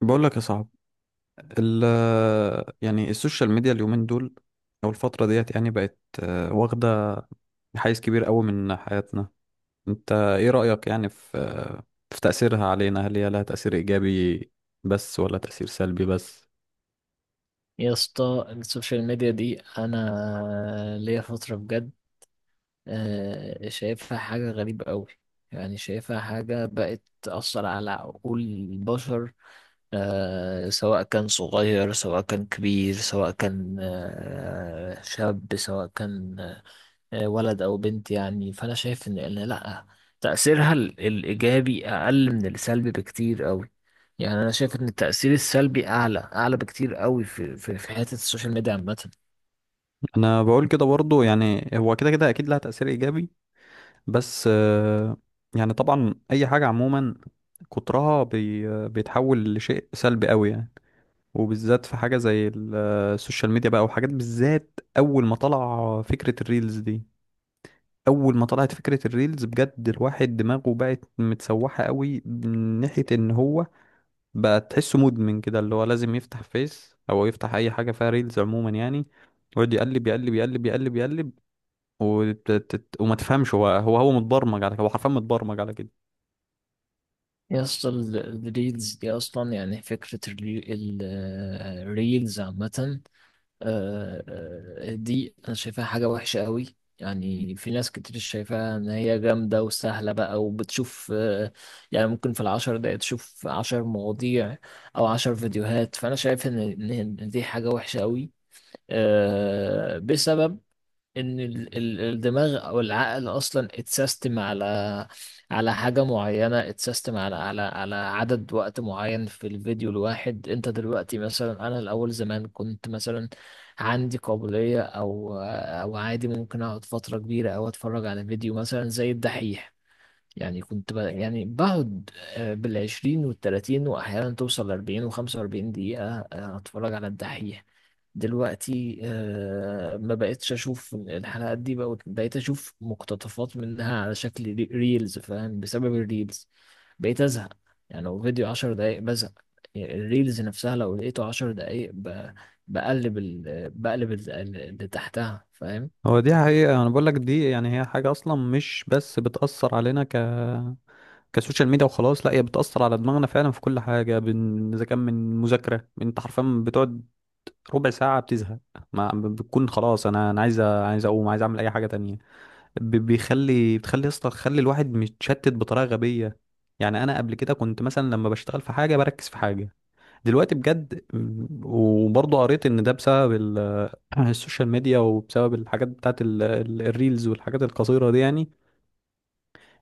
بقول لك يا صاحب، ال يعني السوشيال ميديا اليومين دول او الفتره ديت يعني بقت، واخده حيز كبير قوي من حياتنا. انت ايه رايك يعني في، في تاثيرها علينا؟ هل هي لها تاثير ايجابي بس ولا تاثير سلبي بس؟ يا اسطى السوشيال ميديا دي انا ليا فتره بجد، شايفها حاجه غريبه قوي. يعني شايفها حاجه بقت تاثر على عقول البشر، سواء كان صغير سواء كان كبير سواء كان شاب سواء كان ولد او بنت. يعني فانا شايف ان إن لا تأثيرها الايجابي اقل من السلبي بكتير قوي. يعني انا شايف ان التأثير السلبي اعلى اعلى بكتير قوي في حتة السوشيال ميديا عامة. انا بقول كده برضو، يعني هو كده كده اكيد لها تاثير ايجابي بس. يعني طبعا اي حاجه عموما كترها بيتحول لشيء سلبي قوي يعني. وبالذات في حاجة زي السوشيال ميديا بقى، وحاجات بالذات أول ما طلع فكرة الريلز دي. أول ما طلعت فكرة الريلز بجد الواحد دماغه بقت متسوحة قوي، من ناحية إن هو بقى تحسه مدمن كده، اللي هو لازم يفتح فيس أو يفتح أي حاجة فيها ريلز عموما يعني. ويقعد يقلب يقلب يقلب يقلب يقلب، وما تفهمش. هو متبرمج على كده، هو حرفيا متبرمج على كده. يا اسطى الريلز دي اصلا، يعني فكرة الريلز عامة، آه، دي انا شايفاها حاجة وحشة قوي. يعني في ناس كتير شايفاها ان هي جامدة وسهلة بقى وبتشوف، يعني ممكن في ال10 دقايق تشوف 10 مواضيع او 10 فيديوهات. فانا شايف ان إن دي حاجة وحشة قوي، بسبب ان الدماغ او العقل اصلا اتسيستم على على حاجه معينه، اتسيستم على عدد وقت معين في الفيديو الواحد. انت دلوقتي مثلا، انا الاول زمان كنت مثلا عندي قابليه او عادي ممكن اقعد فتره كبيره او اتفرج على فيديو مثلا زي الدحيح. يعني كنت يعني بقعد، بال20 والـ30، وأحيانا توصل ل40 و45 دقيقة، أتفرج على الدحيح. دلوقتي ما بقتش اشوف الحلقات دي، بقى بقيت اشوف مقتطفات منها على شكل ريلز فاهم. بسبب الريلز بقيت ازهق. يعني لو فيديو 10 دقايق بزهق. يعني الريلز نفسها لو لقيته 10 دقايق بقلب ال... بقلب ال- اللي تحتها فاهم. هو دي حقيقة. أنا بقول لك دي يعني هي حاجة أصلا مش بس بتأثر علينا كسوشيال ميديا وخلاص، لا هي بتأثر على دماغنا فعلا في كل حاجة، إذا كان من مذاكرة. أنت حرفيا بتقعد ربع ساعة بتزهق، ما ب- بتكون خلاص. أنا عايز، عايز أقوم، عايز أعمل أي حاجة تانية. بتخلي أصلا، خلي الواحد متشتت بطريقة غبية يعني. أنا قبل كده كنت مثلا لما بشتغل في حاجة بركز في حاجة. دلوقتي بجد، وبرضه قريت إن ده بسبب السوشيال ميديا وبسبب الحاجات بتاعت الريلز والحاجات القصيرة دي يعني.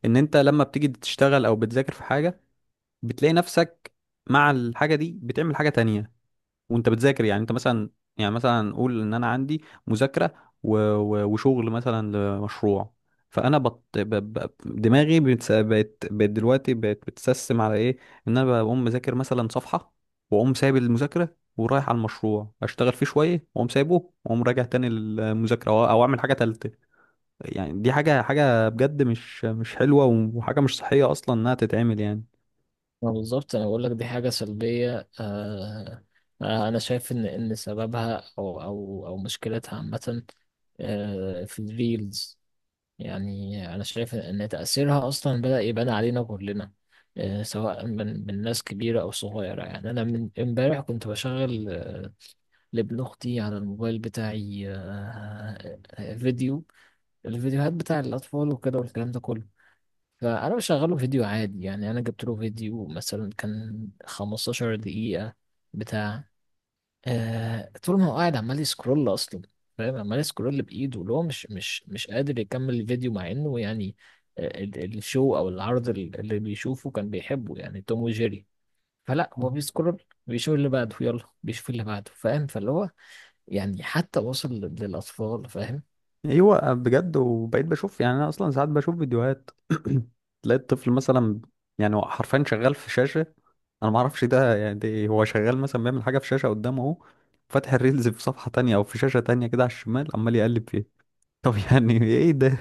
إن أنت لما بتيجي تشتغل أو بتذاكر في حاجة بتلاقي نفسك مع الحاجة دي بتعمل حاجة تانية وانت بتذاكر. يعني انت مثلا، يعني مثلا نقول ان انا عندي مذاكرة، وشغل مثلا لمشروع. فانا دماغي بقت دلوقتي بقت بتسسم على ايه. ان انا بقوم مذاكر مثلا صفحة، واقوم سايب المذاكرة ورايح على المشروع اشتغل فيه شوية، واقوم سايبه واقوم راجع تاني للمذاكرة او اعمل حاجة تالتة. يعني دي حاجة بجد مش حلوة، وحاجة مش صحية اصلا انها تتعمل يعني. ما بالظبط انا بقول لك دي حاجة سلبية، انا شايف ان ان سببها او مشكلتها عامة، في الريلز. يعني أنا شايف إن تأثيرها أصلا بدأ يبان علينا كلنا، سواء من ناس كبيرة أو صغيرة. يعني أنا من إمبارح كنت بشغل، لابن أختي على الموبايل بتاعي، فيديو، الفيديوهات بتاع الأطفال وكده والكلام ده كله. فأنا بشغله فيديو عادي، يعني أنا جبت له فيديو مثلا كان 15 دقيقة بتاع. آه طول ما هو قاعد عمال يسكرول اصلا، فاهم، عمال يسكرول بايده، اللي هو مش قادر يكمل الفيديو، مع انه يعني الشو او العرض اللي بيشوفه كان بيحبه، يعني توم وجيري. فلا هو بيسكرول بيشوف اللي بعده، يلا بيشوف اللي بعده فاهم. فاللي هو يعني حتى وصل للاطفال فاهم. ايوه بجد. وبقيت بشوف، يعني انا اصلا ساعات بشوف فيديوهات تلاقي الطفل مثلا يعني هو حرفيا شغال في شاشه. انا ما اعرفش ده يعني ده إيه، هو شغال مثلا بيعمل حاجه في شاشه قدامه اهو، فاتح الريلز في صفحه تانية او في شاشه تانية كده على الشمال عمال يقلب فيه. طب يعني ايه ده؟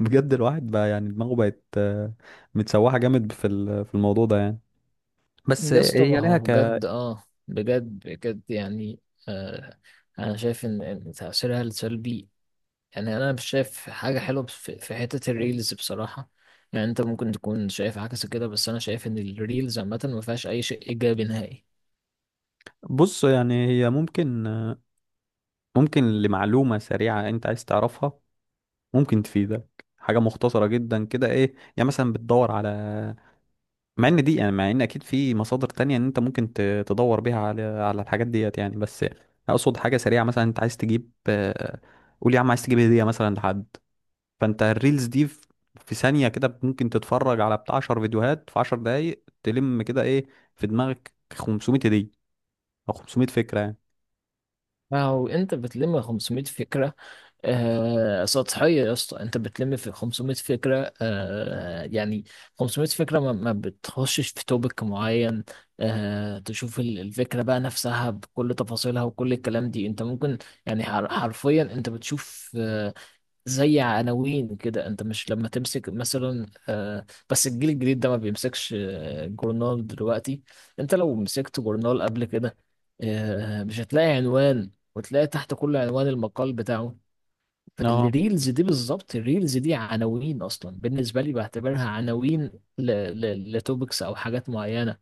بجد الواحد بقى يعني دماغه بقت، متسوحه جامد في في الموضوع ده يعني. بس يا اسطى هي ما لها هو ك. بجد اه بجد بجد يعني، آه انا شايف ان إن تاثيرها السلبي. يعني انا مش شايف حاجه حلوه بس في حته الريلز بصراحه. يعني انت ممكن تكون شايف عكس كده، بس انا شايف ان الريلز عامه ما فيهاش اي شيء ايجابي نهائي. بص، يعني هي ممكن، ممكن لمعلومه سريعه انت عايز تعرفها، ممكن تفيدك حاجة مختصرة جدا كده. ايه يعني مثلا بتدور على، مع ان دي يعني، مع ان اكيد في مصادر تانية ان انت ممكن، تدور بيها على على الحاجات ديت يعني. بس اقصد حاجة سريعة، مثلا انت عايز تجيب، قول يا عم عايز تجيب هدية مثلا لحد، فانت الريلز دي في في ثانية كده ممكن تتفرج على بتاع 10 فيديوهات في 10 دقايق، تلم كده ايه في دماغك 500 هدية او 500 فكرة يعني. فهو انت بتلم 500 فكره، سطحيه يا اسطى. انت بتلم في 500 فكره، يعني 500 فكره ما بتخشش في توبك معين. آه تشوف الفكره بقى نفسها بكل تفاصيلها وكل الكلام دي. انت ممكن يعني حرفيا انت بتشوف، زي عناوين كده. انت مش لما تمسك مثلا، بس الجيل الجديد ده ما بيمسكش، جورنال دلوقتي. انت لو مسكت جورنال قبل كده، مش هتلاقي عنوان وتلاقي تحت كل عنوان المقال بتاعه. اه فالريلز دي بالظبط، الريلز دي عناوين اصلا، بالنسبه لي بعتبرها عناوين لتوبكس او حاجات معينه.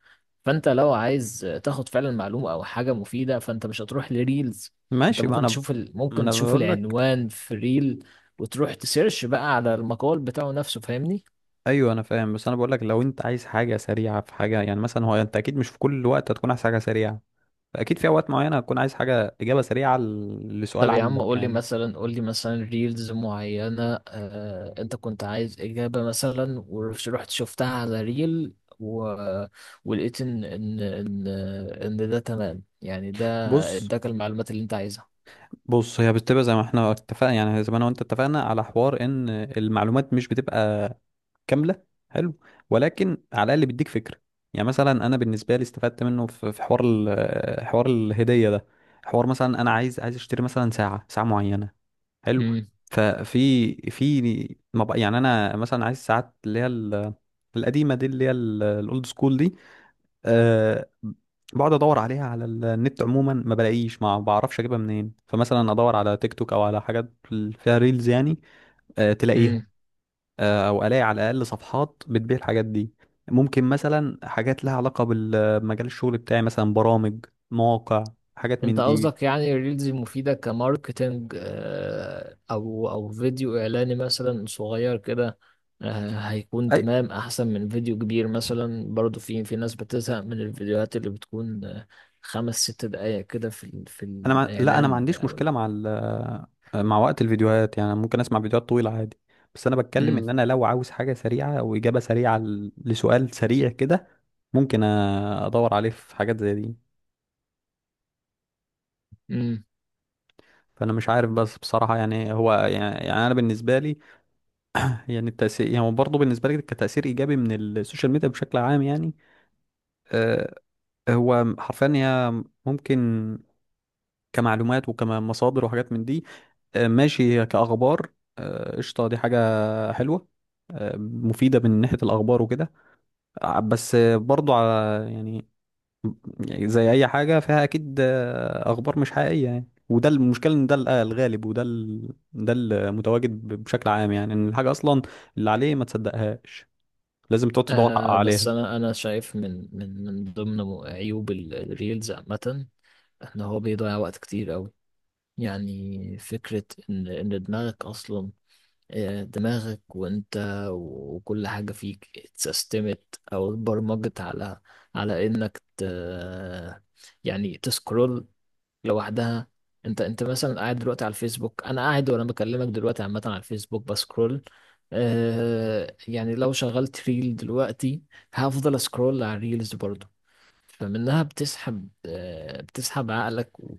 فانت لو عايز تاخد فعلا معلومه او حاجه مفيده فانت مش هتروح لريلز. انت ماشي، ما ممكن انا، تشوف ما ممكن انا تشوف بقول لك، العنوان في ريل، وتروح تسيرش بقى على المقال بتاعه نفسه فاهمني. ايوه انا فاهم. بس انا بقول لك لو انت عايز حاجه سريعه في حاجه يعني. مثلا هو انت اكيد مش في كل وقت هتكون عايز حاجه سريعه، اكيد في اوقات معينه هتكون عايز حاجه اجابه سريعه، لسؤال طب يا عم عندك قول لي يعني. مثلا، قول لي مثلا ريلز معينة، انت كنت عايز إجابة مثلا ورحت شفتها على ريل، و... ولقيت ان ان ده تمام، يعني ده بص. اداك المعلومات اللي انت عايزها. بص هي بتبقى زي ما احنا اتفقنا، يعني زي ما انا وانت اتفقنا على حوار ان المعلومات مش بتبقى كامله. حلو. ولكن على الاقل بيديك فكره. يعني مثلا انا بالنسبه لي استفدت منه في في حوار، حوار الهديه ده. حوار مثلا انا عايز، عايز اشتري مثلا ساعه معينه. حلو. ففي في، ما بق- يعني انا مثلا عايز ساعات اللي هي، القديمه دي اللي هي الاولد سكول دي. أه. بقعد ادور عليها على النت عموما ما بلاقيش، ما بعرفش اجيبها منين، فمثلا ادور على تيك توك او على حاجات فيها ريلز يعني. أه تلاقيها. امم أه او الاقي على الاقل صفحات بتبيع الحاجات دي. ممكن مثلا حاجات لها علاقه بمجال الشغل بتاعي، مثلا برامج، مواقع، حاجات انت من دي. قصدك يعني الريلز المفيدة كماركتينج، او او فيديو اعلاني مثلا صغير كده، هيكون تمام احسن من فيديو كبير، مثلا. برضو في ناس بتزهق من الفيديوهات اللي بتكون، 5 6 دقايق كده في في لا انا ما الاعلان عنديش او. مشكله مع، مع وقت الفيديوهات. يعني ممكن اسمع فيديوهات طويله عادي. بس انا بتكلم امم ان انا لو عاوز حاجه سريعه او اجابه سريعه، لسؤال سريع كده ممكن، ادور عليه في حاجات زي دي. امم فانا مش عارف بس بصراحه، يعني هو يعني, يعني انا بالنسبه لي، يعني التاثير، يعني هو برضه بالنسبه لي كتاثير ايجابي من السوشيال ميديا بشكل عام يعني. أه. هو حرفيا هي ممكن كمعلومات وكمصادر وحاجات من دي. أه ماشي، كاخبار. قشطه، دي حاجه حلوه مفيدة من ناحية الأخبار وكده. بس برضو على، يعني، يعني زي أي حاجة فيها أكيد أخبار مش حقيقية يعني، وده المشكلة إن ده، الغالب، وده ده المتواجد بشكل عام يعني. إن الحاجة أصلا اللي عليه ما تصدقهاش، لازم تقعد تدور حق بس عليها. انا انا شايف من ضمن عيوب الريلز عامة ان هو بيضيع وقت كتير قوي. يعني فكرة إن إن دماغك أصلا، دماغك وانت وكل حاجة فيك اتسيستمت او اتبرمجت على، على انك يعني تسكرول لوحدها. انت انت مثلا قاعد دلوقتي على الفيسبوك، انا قاعد وانا بكلمك دلوقتي عامة على الفيسبوك بسكرول. يعني لو شغلت ريل دلوقتي هفضل اسكرول على الريلز برضو. فمنها بتسحب، بتسحب عقلك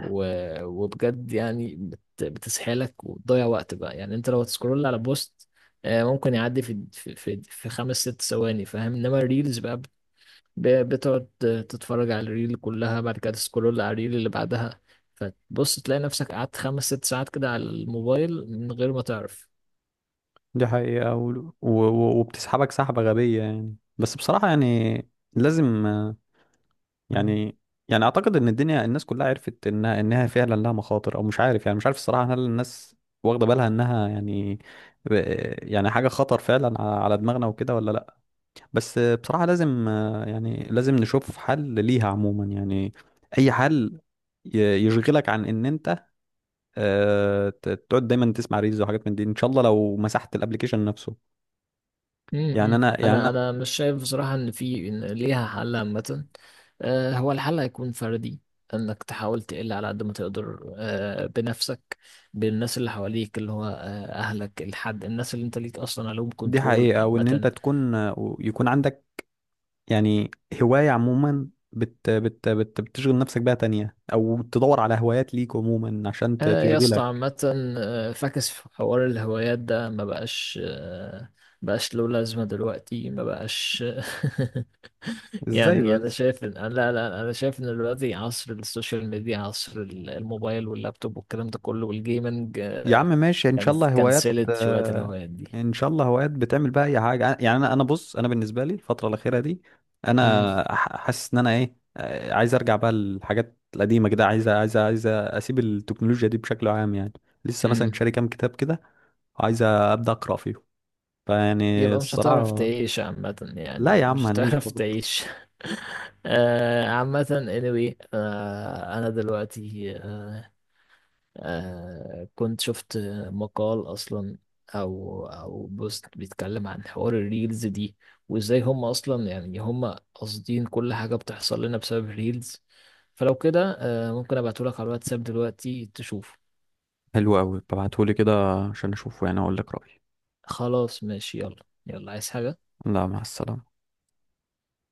و... وبجد يعني بتسحلك وتضيع وقت بقى. يعني انت لو تسكرول على بوست، ممكن يعدي في 5 6 ثواني فاهم، انما الريلز بقى بتقعد تتفرج على الريل كلها، بعد كده تسكرول على الريل اللي بعدها. فتبص تلاقي نفسك قعدت 5 6 ساعات كده على الموبايل من غير ما تعرف. دي حقيقة. وبتسحبك سحبة غبية يعني. بس بصراحة يعني لازم، يعني، يعني اعتقد ان الدنيا الناس كلها عرفت انها، فعلا لها مخاطر، او مش عارف يعني. مش عارف الصراحه هل الناس واخده بالها انها يعني، يعني حاجه خطر فعلا على دماغنا وكده ولا لا. بس بصراحه لازم، يعني لازم نشوف حل ليها عموما يعني. اي حل ي- يشغلك عن ان انت، تقعد دايما تسمع ريلز وحاجات من دي. ان شاء الله لو مسحت الابليكيشن نفسه. يعني انا يعني انا انا انا مش شايف بصراحه ان في إن ليها حل عامه. هو الحل هيكون فردي، انك تحاول تقل على قد ما تقدر، بنفسك بالناس اللي حواليك، اللي هو، اهلك، الحد الناس اللي انت ليك اصلا عليهم دي كنترول حقيقه. وان انت عامه. تكون، يكون عندك يعني هواية عموما، بت بتشغل نفسك بيها تانية، أو تدور على هوايات ليك عموما عشان يا اسطى تشغلك. عامه، فاكس في حوار الهوايات ده ما بقاش، بقاش له لازمه دلوقتي ما بقاش إزاي يعني انا بس؟ شايف ان لا لا لا، انا شايف ان دلوقتي عصر السوشيال ميديا، عصر الموبايل واللابتوب والكلام ده كله والجيمنج، يا عم ماشي إن كان شاء الله هوايات. كنسلت شوية الهوايات دي. إن شاء الله هوايات بتعمل بقى أي حاجة يعني. أنا بص، أنا بالنسبة لي الفترة الأخيرة دي امم أنا حاسس إن أنا إيه، عايز أرجع بقى للحاجات القديمة كده، عايز عايز أسيب التكنولوجيا دي بشكل عام يعني. لسه مثلا امم شاري كام كتاب كده، وعايز أبدأ أقرأ فيهم. فيعني يبقى مش هتعرف الصراحة، تعيش عامة، لا يعني يا عم مش هنعيش هتعرف برضه. تعيش. عامة anyway. انا دلوقتي، كنت شفت مقال اصلا، او او بوست بيتكلم عن حوار الريلز دي، وازاي هم اصلا يعني هم قاصدين كل حاجة بتحصل لنا بسبب الريلز. فلو كده ممكن ابعتهولك على الواتساب دلوقتي تشوف. حلو قوي، ببعتهولي كده عشان اشوفه يعني اقول لك رأيي. خلاص ماشي يلا يلا عايز حاجة لا مع السلامة.